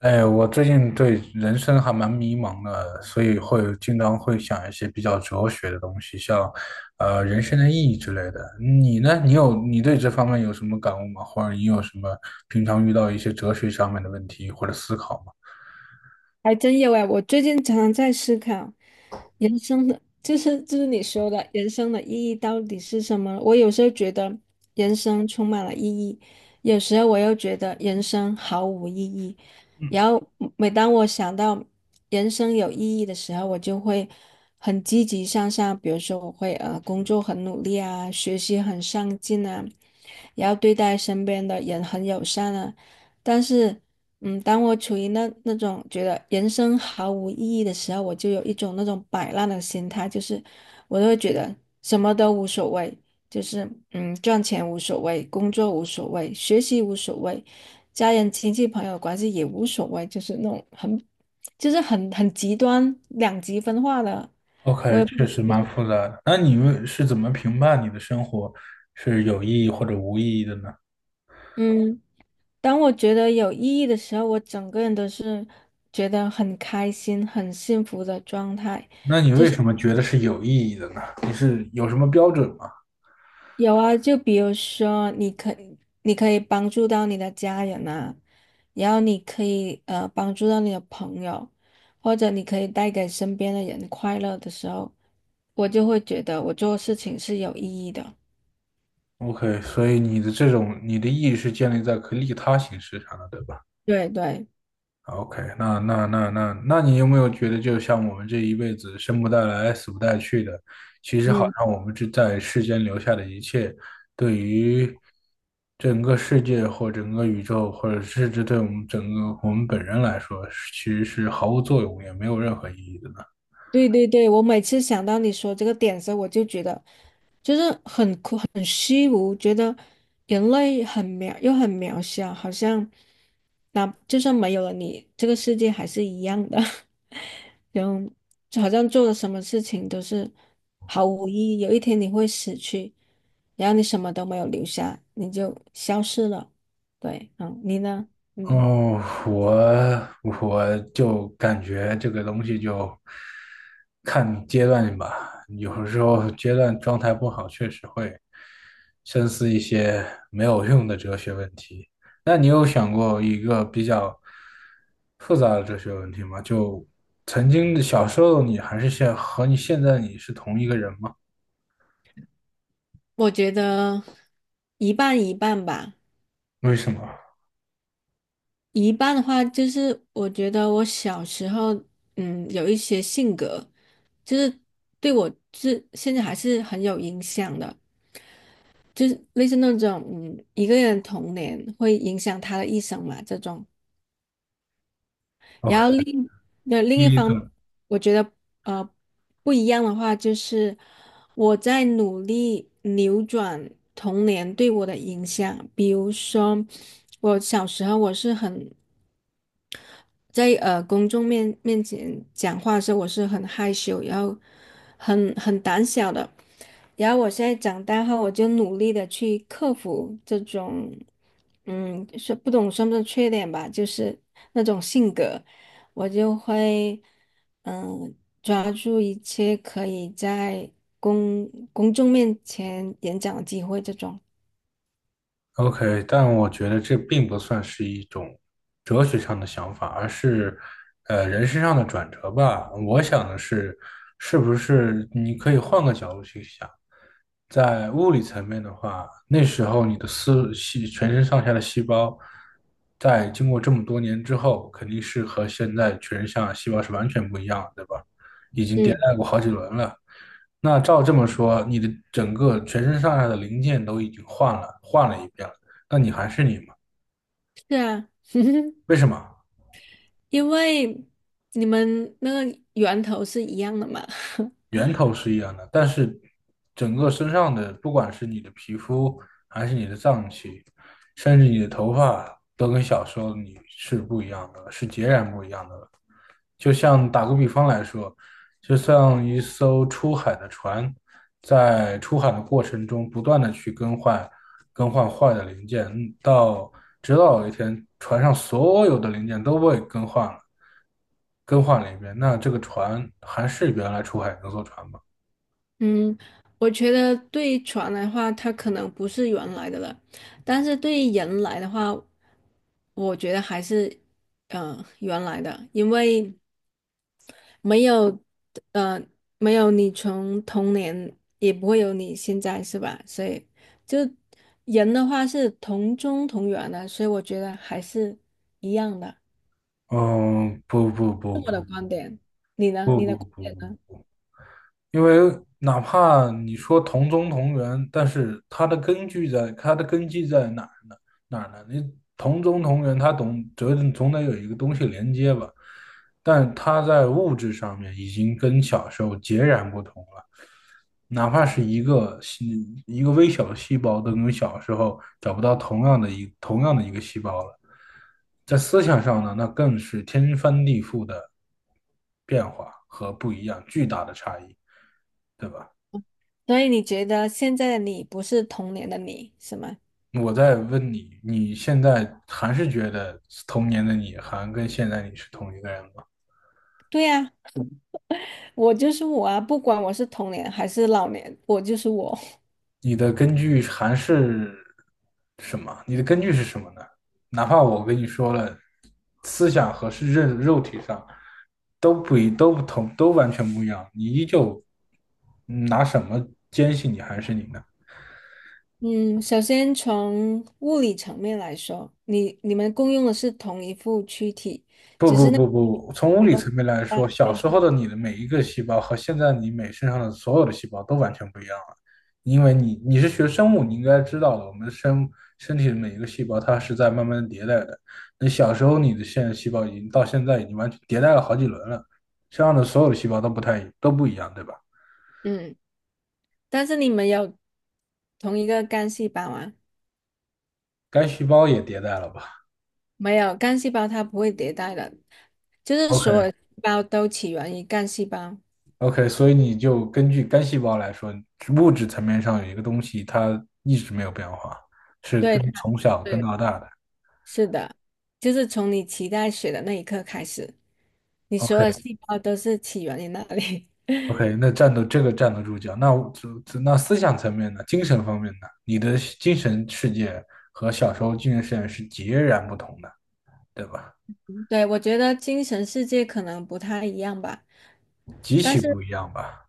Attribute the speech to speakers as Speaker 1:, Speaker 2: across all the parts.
Speaker 1: 哎，我最近对人生还蛮迷茫的，所以经常会想一些比较哲学的东西，像人生的意义之类的。你呢？你对这方面有什么感悟吗？或者你有什么平常遇到一些哲学上面的问题或者思考吗
Speaker 2: 还真有哎，我最近常常在思考人生的，就是你说的人生的意义到底是什么？我有时候觉得人生充满了意义，有时候我又觉得人生毫无意义。然后每当我想到人生有意义的时候，我就会很积极向上，比如说我会工作很努力啊，学习很上进啊，然后对待身边的人很友善啊。但是，当我处于那种觉得人生毫无意义的时候，我就有一种那种摆烂的心态，就是我就会觉得什么都无所谓，赚钱无所谓，工作无所谓，学习无所谓，家人、亲戚、朋友关系也无所谓，就是那种很，就是很极端两极分化的。
Speaker 1: ？OK，确实蛮复杂的。那是怎么评判你的生活是有意义或者无意义的呢？
Speaker 2: 嗯，当我觉得有意义的时候，我整个人都是觉得很开心、很幸福的状态。
Speaker 1: 那你为什么觉得是有意义的呢？你是有什么标准吗？
Speaker 2: 有啊，就比如说，你可以帮助到你的家人啊，然后你可以帮助到你的朋友，或者你可以带给身边的人快乐的时候，我就会觉得我做事情是有意义的。
Speaker 1: OK，所以你的意义是建立在可利他形式上的，对吧
Speaker 2: 对对，
Speaker 1: ？OK，那你有没有觉得，就像我们这一辈子生不带来，死不带去的，其实好
Speaker 2: 嗯。
Speaker 1: 像我们在世间留下的一切，对于整个世界或整个宇宙，或者甚至对我们本人来说，其实是毫无作用，也没有任何意义的呢？
Speaker 2: 对对对，我每次想到你说这个点的时候，我就觉得就是很苦很虚无，觉得人类很渺又很渺小，好像那就算没有了你，这个世界还是一样的，然后就好像做了什么事情都是毫无意义。有一天你会死去，然后你什么都没有留下，你就消失了。对，嗯，你呢？嗯，
Speaker 1: 哦，我我就感觉这个东西就看阶段吧，有时候阶段状态不好，确实会深思一些没有用的哲学问题。那你有想过一个比较复杂的哲学问题吗？就曾经的小时候你还是现和你现在你是同一个人吗？
Speaker 2: 我觉得一半一半吧。
Speaker 1: 为什么
Speaker 2: 一半的话，就是我觉得我小时候，嗯，有一些性格，就是对我是现在还是很有影响的，就是类似那种，嗯，一个人童年会影响他的一生嘛，这种。然后
Speaker 1: ？OK，
Speaker 2: 另一
Speaker 1: 第一
Speaker 2: 方，
Speaker 1: 种。
Speaker 2: 我觉得呃不一样的话，就是我在努力扭转童年对我的影响。比如说，我小时候我是很在公众面前讲话的时候，我是很害羞，然后很胆小的。然后我现在长大后，我就努力的去克服这种，嗯，说不懂算不算缺点吧，就是那种性格，我就会，嗯，抓住一切可以在公众面前演讲的机会，这种。
Speaker 1: OK，但我觉得这并不算是一种哲学上的想法，而是人身上的转折吧。我想的是，是不是你可以换个角度去想，在物理层面的话，那时候你的全身上下的细胞，在经过这么多年之后，肯定是和现在全身上下细胞是完全不一样的对吧？已经迭
Speaker 2: 嗯，
Speaker 1: 代过好几轮了。那照这么说，你的整个全身上下的零件都已经换了，换了一遍了，那你还是你吗？
Speaker 2: 是啊，
Speaker 1: 为什么？
Speaker 2: 因为你们那个源头是一样的嘛。
Speaker 1: 源头是一样的，但是整个身上的，不管是你的皮肤，还是你的脏器，甚至你的头发，都跟小时候你是不一样的，是截然不一样的。就像打个比方来说，就像一艘出海的船，在出海的过程中，不断的去更换坏的零件，直到有一天，船上所有的零件都被更换了。更换了一遍。那这个船还是原来出海那艘船吗？
Speaker 2: 嗯，我觉得对船来的话，它可能不是原来的了，但是对于人来的话，我觉得还是原来的，因为没有呃没有你从童年，也不会有你现在是吧？所以就人的话是同宗同源的，所以我觉得还是一样的。
Speaker 1: 嗯，不不不不
Speaker 2: 你呢？
Speaker 1: 不
Speaker 2: 你
Speaker 1: 不
Speaker 2: 的观
Speaker 1: 不
Speaker 2: 点呢？
Speaker 1: 不，因为哪怕你说同宗同源，但是它的根基在哪儿呢？哪儿呢？你同宗同源，它总得有一个东西连接吧？但它在物质上面已经跟小时候截然不同了。哪怕是一个微小的细胞，都跟小时候找不到同样的一个细胞了。在思想上呢，那更是天翻地覆的变化和不一样，巨大的差异，对吧？
Speaker 2: 所以你觉得现在的你不是童年的你，是吗？
Speaker 1: 我在问你，你现在还是觉得童年的你还跟现在你是同一个人吗？
Speaker 2: 对呀、我就是我啊，不管我是童年还是老年，我就是我。
Speaker 1: 你的根据还是你的根据是什么呢？哪怕我跟你说了，思想和肉体上都不同，都完全不一样，你依旧拿什么坚信你还是你呢？
Speaker 2: 嗯，首先从物理层面来说，你们共用的是同一副躯体，
Speaker 1: 不
Speaker 2: 只
Speaker 1: 不
Speaker 2: 是那个
Speaker 1: 不不，从物
Speaker 2: 不
Speaker 1: 理
Speaker 2: 同
Speaker 1: 层面来
Speaker 2: 啊
Speaker 1: 说，小
Speaker 2: 对
Speaker 1: 时候的你的每一个细胞和现在你每身上的所有的细胞都完全不一样了，因为你是学生物，你应该知道的，我们身身体的每一个细胞它是在慢慢地迭代的。你小时候的细胞到现在已经完全迭代了好几轮了，身上的所有的细胞都不一样，对吧？
Speaker 2: 嗯，但是你们有同一个干细胞啊？
Speaker 1: 该细胞也迭代了吧
Speaker 2: 没有，干细胞它不会迭代的，就是所
Speaker 1: ？OK，
Speaker 2: 有细胞都起源于干细胞。
Speaker 1: OK，所以你就根据干细胞来说，物质层面上有一个东西，它一直没有变化，是
Speaker 2: 对，
Speaker 1: 跟
Speaker 2: 它
Speaker 1: 从小跟
Speaker 2: 对，
Speaker 1: 到大的。
Speaker 2: 是的，就是从你脐带血的那一刻开始，你所有
Speaker 1: OK
Speaker 2: 细胞都是起源于那里。
Speaker 1: OK，那站得住脚。那思想层面呢？精神方面呢？你的精神世界和小时候精神世界是截然不同的，对吧？
Speaker 2: 对，我觉得精神世界可能不太一样吧，
Speaker 1: 极
Speaker 2: 但
Speaker 1: 其
Speaker 2: 是
Speaker 1: 不一样吧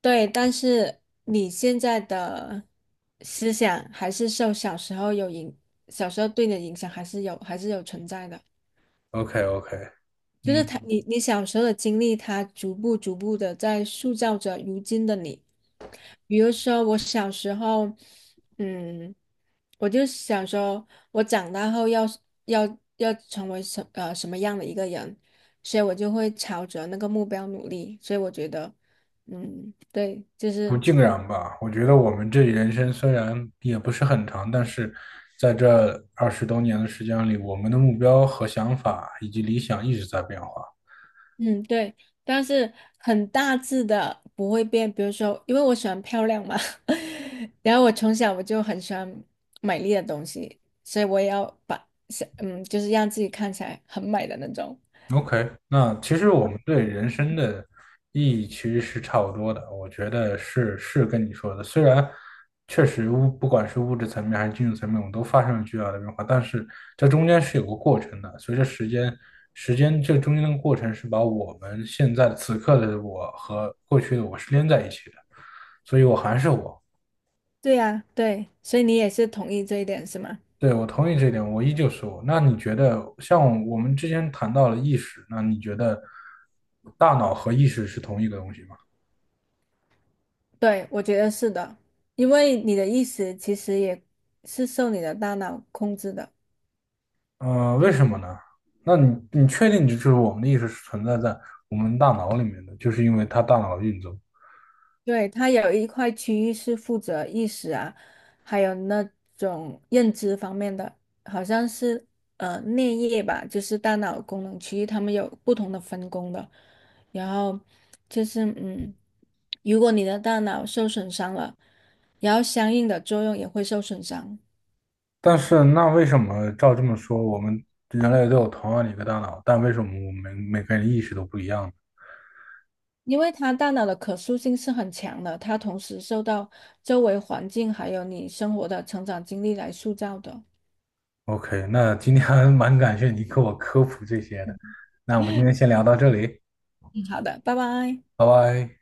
Speaker 2: 对，但是你现在的思想还是受小时候有影，小时候对你的影响还是有，还是有存在的。
Speaker 1: ？OK OK，
Speaker 2: 就是他，
Speaker 1: 嗯，
Speaker 2: 你小时候的经历，他逐步逐步的在塑造着如今的你。比如说，我小时候，嗯，我就想说，我长大后要成为什么样的一个人，所以我就会朝着那个目标努力。所以我觉得，嗯，对，就
Speaker 1: 不
Speaker 2: 是
Speaker 1: 尽然吧，我觉得我们这人生虽然也不是很长，但是在这二十多年的时间里，我们的目标和想法以及理想一直在变化。
Speaker 2: 嗯，对，但是很大致的不会变。比如说，因为我喜欢漂亮嘛，然后我从小我就很喜欢美丽的东西，所以我也要把，是嗯，就是让自己看起来很美的那种。
Speaker 1: OK，那其实我们对人生的意义其实是差不多的，我觉得是跟你说的。虽然确实不管是物质层面还是精神层面，我们都发生了巨大的变化，但是这中间是有个过程的。随着时间，这中间的过程是把我们现在此刻的我和过去的我是连在一起的，所以我还是我，
Speaker 2: 对呀，对，所以你也是同意这一点是吗？
Speaker 1: 对，我同意这一点，我依旧是我。那你觉得，像我们之前谈到了意识，那你觉得大脑和意识是同一个东西吗？
Speaker 2: 对，我觉得是的，因为你的意识其实也是受你的大脑控制的。
Speaker 1: 嗯，为什么呢？那你确定就是我们的意识是存在在我们大脑里面的，就是因为它大脑的运作。
Speaker 2: 对，它有一块区域是负责意识啊，还有那种认知方面的，好像是颞叶吧，就是大脑功能区域，它们有不同的分工的。然后就是嗯，如果你的大脑受损伤了，然后相应的作用也会受损伤，
Speaker 1: 但是那为什么照这么说，我们人类都有同样的一个大脑，但为什么我们每个人意识都不一样呢
Speaker 2: 因为它大脑的可塑性是很强的，它同时受到周围环境还有你生活的成长经历来塑造的。
Speaker 1: ？OK，那今天还蛮感谢你给我科普这些的。那我们今天先聊到这里，
Speaker 2: 嗯好的，拜拜。
Speaker 1: 拜拜。